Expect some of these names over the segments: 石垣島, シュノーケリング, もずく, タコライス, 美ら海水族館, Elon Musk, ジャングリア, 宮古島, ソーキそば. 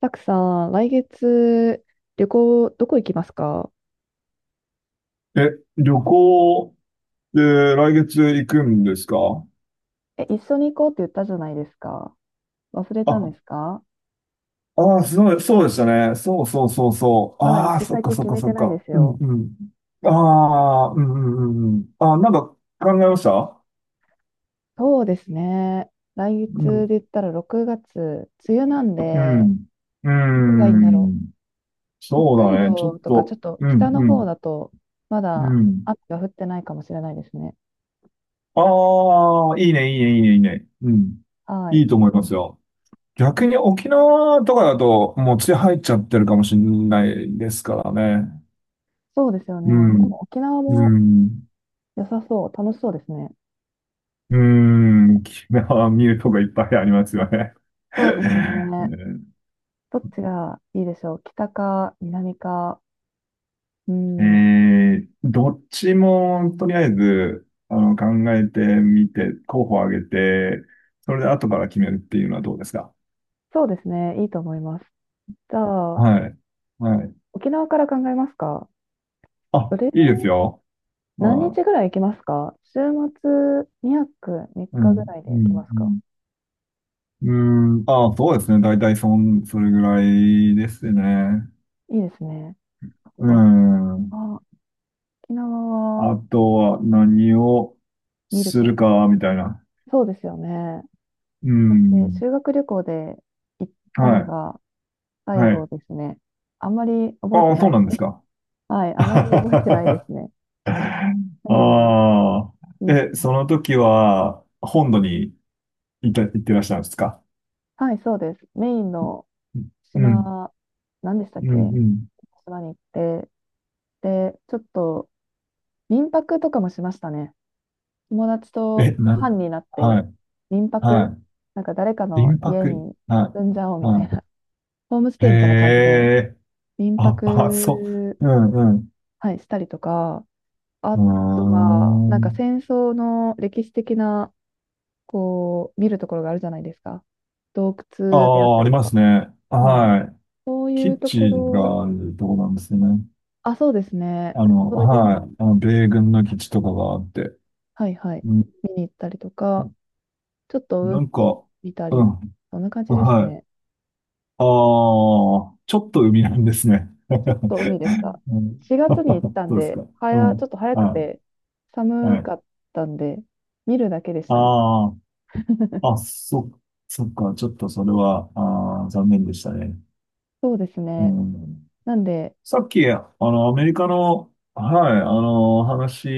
たくさん、来月、旅行、どこ行きますか？え、旅行で来月行くんですか？え、一緒に行こうって言ったじゃないですか。忘れたんあ、ですか？ああ、そうそうでしたね。そうそうそうそう。まだ行ああ、きそっか先そっ決かめそてっないでか。すうんよ。うん。ああ、うんうんうんうん。ああ、なんか考えました。そうですね。来う月ん、で言ったら6月、梅雨なんうで、ん、うどこがいいんだろん。う。北そう海だね。ちょっ道とか、ちょと、っとうん、北のう方ん、だと、まうだん。雨が降ってないかもしれないですね。ああ、いいね、いいね、いいね、いいね。うん。はい。いいと思いますよ。逆に沖縄とかだと、もう血入っちゃってるかもしれないですからね。そうですようね。でん、も沖縄うもん、良さそう。楽しそうですね。うん、キラーミュートがいっぱいありますよね。そうです うね。ん。どっちがいいでしょう。北か南か？うん。どっちもとりあえず考えてみて、候補を挙げて、それで後から決めるっていうのはどうですか？そうですね。いいと思います。じゃあ、はい。はい。沖縄から考えますか？そあ、れ、いいですよ。何あ、日ぐらい行きますか？週末2泊3う日ぐん、らいでう行きん、ますか？うん。うん、あ、そうですね。大体それぐらいですね。いいですね。うおん。あ、沖縄はあとは何を見るするか。か、みたいな。そうですよね。う私、ん。修学旅行で行ったはのい。が最は後い。ですね。あんまり覚えあてあ、なそうい。なんですか。はい、あまり覚えてないであすね。何があ。いいかそのな。時は、本土に行ってらっしゃるんですか？はい、そうです。メインのうん。島、何でしたうっん。け？うん。島に行って、で、ちょっと民泊とかもしましたね。友達え、となん、班になっはてい。民泊、はなんか誰かい。の民家泊。には住んじゃおうい。みたいはな、ホームスい。へテイみたいな感じでえ。民あ、あ、そ泊、う。うん、はい、したりとか、あうとは、ん。なうんーかん。戦争の歴史的な、こう、見るところがあるじゃないですか。洞あ窟であっあ、たありりとまか。すね。はい。はい。そういう基とこ地ろ、があるとこなんですね。あ、そうですね。そういうはのい。あの、米軍の基地とかがあって。はいはい。うん、見に行ったりとか、ちょっなとん海か、見たうり、ん、そんな感じですはい。ね。ああ、ちょっと海なんですね。ちょっと海でした。うん、4月に行った んそうですで、か。うちょっん、と早くはてい、は寒い。かったんで、見るだけでしたね。ああ、そっか。ちょっとそれは、ああ、残念でしたね。そうですうね。ん。なんで、さっき、アメリカの、はい、話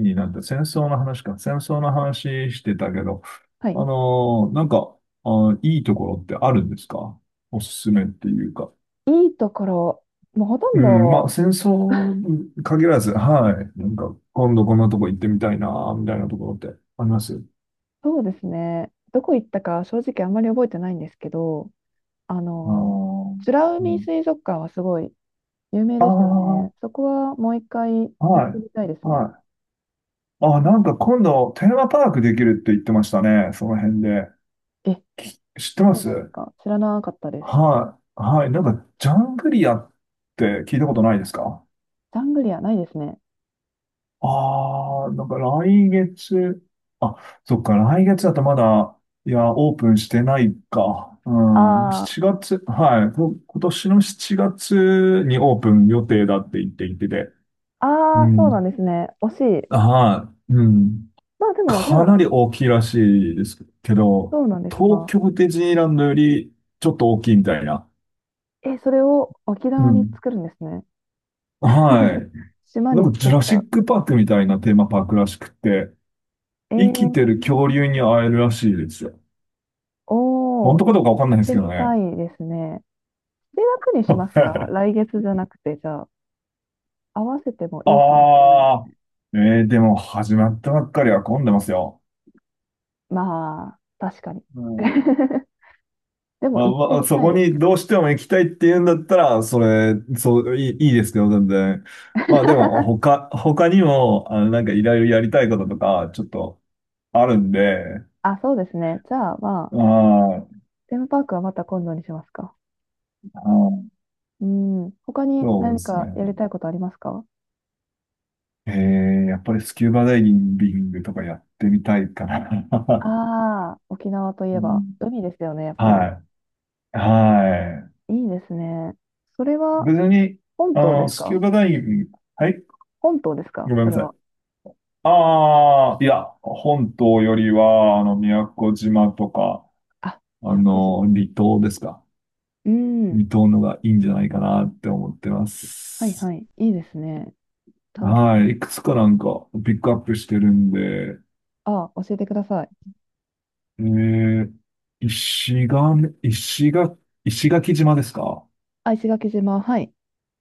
になって、戦争の話か、戦争の話してたけど、はい。あの、なんか、あ、いいところってあるんですか？おすすめっていうか。いいところ、もうほとうんん、まあ、ど、戦争に限らず、はい、なんか、今度こんなとこ行ってみたいな、みたいなところってあります？そうですね。どこ行ったか正直あんまり覚えてないんですけど、ああの、の、美らう海ん、水族館はすごい有名あですよあ、ね。そこはもう一回行っはてみたいでい、すね。はい。あ、なんか今度、テーマパークできるって言ってましたね、その辺で。え、知ってまそうなんですす？か。知らなかったです。はい、はい。なんか、ジャングリアって聞いたことないですか？ジャングリアないですね。ああー、なんか来月、あ、そっか、来月だとまだ、いや、オープンしてないか。あうん、ー7月、はい、今年の7月にオープン予定だって言っていてて、うあー、そうなんん、ですね。惜しい。はい、うん。まあでも、じゃかなあ、り大きいらしいですけど、そうなんです東か。京ディズニーランドよりちょっと大きいみたいな。え、それを沖う縄にん。作るんですね。は い。島なにんか作ジっュラシた。ックパークみたいなテーマパークらしくて、え生きてー、る恐竜に会えるらしいですよ。お本ー、当行かっどうかわかんないんですてけどみね。たいですね。7月にしますか？来 月じゃなくて、じゃあ、合わせてもいいかもしれない。ああ、でも始まったばっかりは混んでますよ。まあ、確かに。うん。 でもあ、行ってまあ、みそたいこですにけどうど。 しても行きたいって言うんだったら、それ、そう、いい、いいですけど、全然。まあでも、他にも、なんかいろいろやりたいこととか、ちょっとあるんで、あ、そうですね。じゃあ、まあ、ああ、テーマパークはまた今度にしますか。ああ、うん。他にそうで何すかね。やりたいことありますか？えー、やっぱりスキューバダイビングとかやってみたいかな。ああー、沖縄といえうばん、海ですよね、やっぱはり。い。はい。いいですね。それは別に、本島ですスキュか？ーバダイビング、はい、本島ですか、ごめんそなれさい。は？ああ、いや、本島よりは、宮古島とか、あ、宮古島。離島ですか。うん。離島のがいいんじゃないかなって思ってまはいはす。い。いいですね。楽しはい。そう。いくつかなんか、ピックアップしてるんで、ああ、教えてください。えー、石垣、石垣、石垣島ですか？あ、石垣島。はい。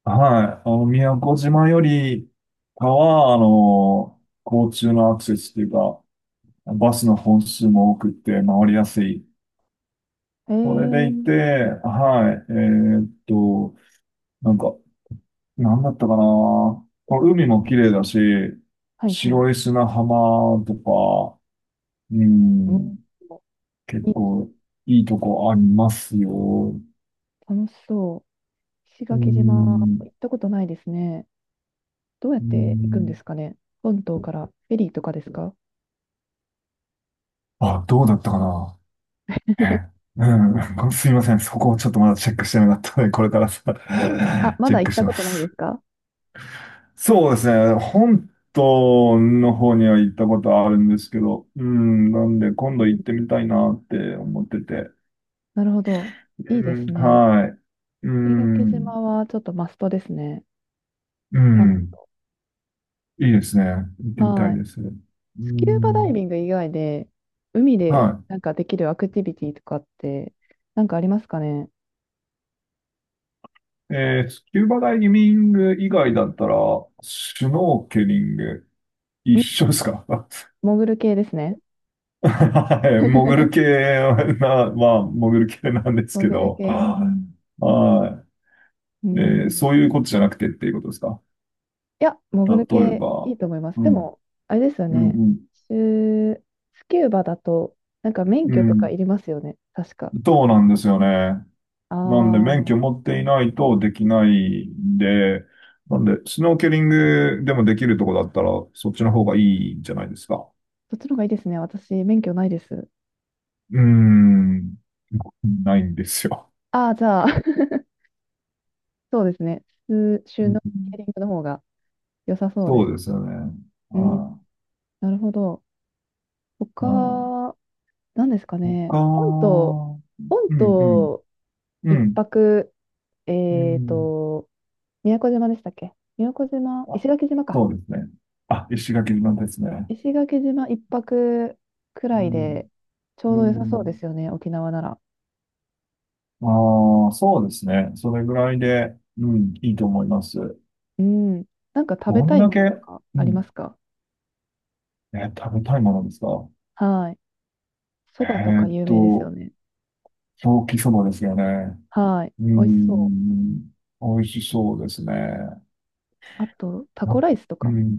はい。宮古島よりかは、交通のアクセスというか、バスの本数も多くて回りやすい。へそれでいて、え。はい。ーっと、なんか、なんだったかな。海も綺麗だし、はいはい。白い砂浜とか、ううん、ん、結いいです。構いいとこありますよ。楽しそう。石う垣島、行ん、ったことないですね。どうやっうて行くんでん、すかね？本島からフェリーとかですか？あ、どうだったかな。ええうん、すいません。そこをちょっとまだチェックしてなかったので、これからさ、あ、まチェだッ行っクしたまことないです。すか？そうですね。本島の方には行ったことあるんですけど、うん、なんで今う度ん、行ってみたいなって思ってて。なるほど。ういいでん、すね。はい。う石垣ん、島はちょっとマストですね。う行かないん、と。いいですね。行ってみたはいい。です。うスキューバダイん、ビング以外で、海はでなんかできるアクティビティとかって、なんかありますかね？ん。い。スキューバダイビング以外だったら、シュノーケリング、一緒ですか？ 潜る系ですね。はい、潜る 系な、まあ、潜る系なんですけ潜るど、系。はい。うそん。ういうことじゃなくてっていうことですか。いや、例潜るえ系いば、いと思います。うでん、も、あれですようね。ん、シュースキューバだと、なんか免うん、許うとかん。いりますよね。確か。そうなんですよね。あなんで、免許あ。持っていないとできないんで、なんで、スノーケリングでもできるとこだったら、そっちの方がいいんじゃないですか。そっちの方がいいですね。私、免許ないです。うーん、ないんですよ。ああ、じゃあ、そうですね。普通シュうノん。ーケリングの方が良さそうでそす。うですよね。うん、はなるほど。い、はい。他、何ですかね。他、う本島、ん、本うん、島う一ん、泊、うえっん。と、宮古島でしたっけ？宮古島、あ、石垣島か。そうですね。あ、石垣島ですね。石垣島一泊くうらいん、で、ちょううど良さそうでん。すよね、沖縄なら。ああ、そうですね。それぐらいで、うん、いいと思います。うん。なんか食べどたんいだもけ、のとかうありまん、すか？食べたいものですか？はい。そえばとかーっ有名ですよと、ね。ソーキそばですよね。はい。う美味しそん、美味しそうですね。う。あと、タコなライスとうか。ん、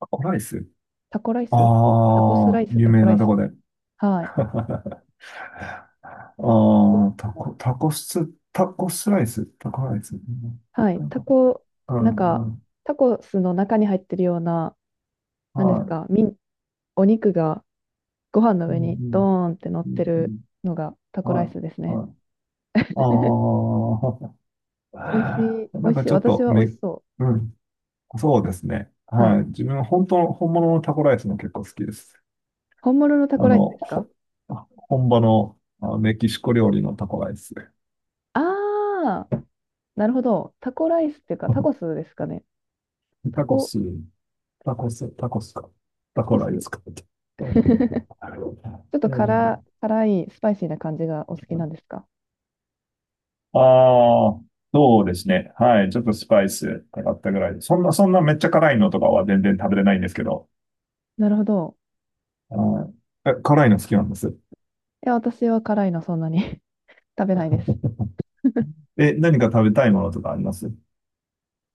タコライス。タコライあスタコスラあ、イス、有タ名コライなとこス。で。はい。ああ、タコス、タコスライス、タコライス。うはい。ん。タコ。うなんん、か、うん。タコスの中に入ってるような、なんですはか、お肉がご飯のい。う上にドん、ーンって乗っうてん。うるん、のがタうコん。ライはスですい。ね。はい。美味あしい、あ。美なん味かしい。ちょっ私とは美味しそうん。そうですね。う。ははい。い。自分、本物のタコライスも結構好きです。本物のタあコライスの、ですか？ほ、本場のメキシコ料理のタコライス。ああー、なるほど。タコライスっていうか、タコ スですかね。タタココ、ス、タコス、タコスか。タコタコライス。 スかって。そうなんだけ ど。ちょっえと辛、え辛い、スパイシーな感じがお好きなんですか？ああ、そうですね。はい。ちょっとスパイスかかったぐらいで。そんなめっちゃ辛いのとかは全然食べれないんですけど。なるほど。はい。辛いの好きなんです。いや、私は辛いのそんなに 食べないです。何か食べたいものとかあります？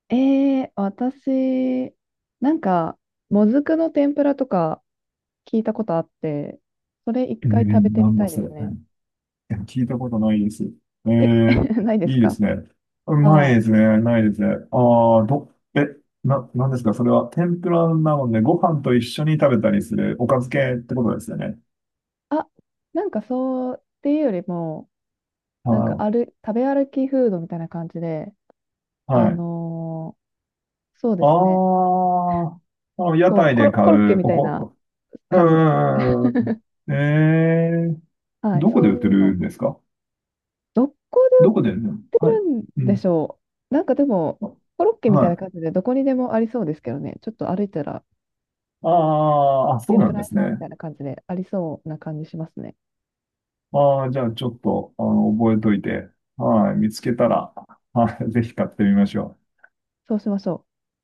私、なんか、もずくの天ぷらとか聞いたことあって、それ一回食べてなみんただいでそれ。すね。聞いたことないです。え、ないですいいでか？すね。なはいい。ですね。ないですね。ああ、ど、え、な、なんですかそれは？天ぷらなので、ご飯と一緒に食べたりするおかず系ってことですよね。あ、なんかそうっていうよりも、なんかはある、食べ歩きフードみたいな感じで、い。あはい。のーそうあですね。あ、あ、屋こう、台で買コロッケう、みたいなう感じです。ん、うん、うん、うん。はい、どこでそ売うっいてうの。るんですか？どこどこで売るの、ではい。売るんうでしん。ょう。なんかでも、コロッケあ、みたいなはい。感じでどこにでもありそうですけどね。ちょっと歩いたら、ああ、あ、そう天なぷんらで屋すさんみね。たいな感じでありそうな感じしますね。ああ、じゃあちょっと、覚えといて、はい、見つけたら、はい、ぜひ買ってみましょう。そうしましょう。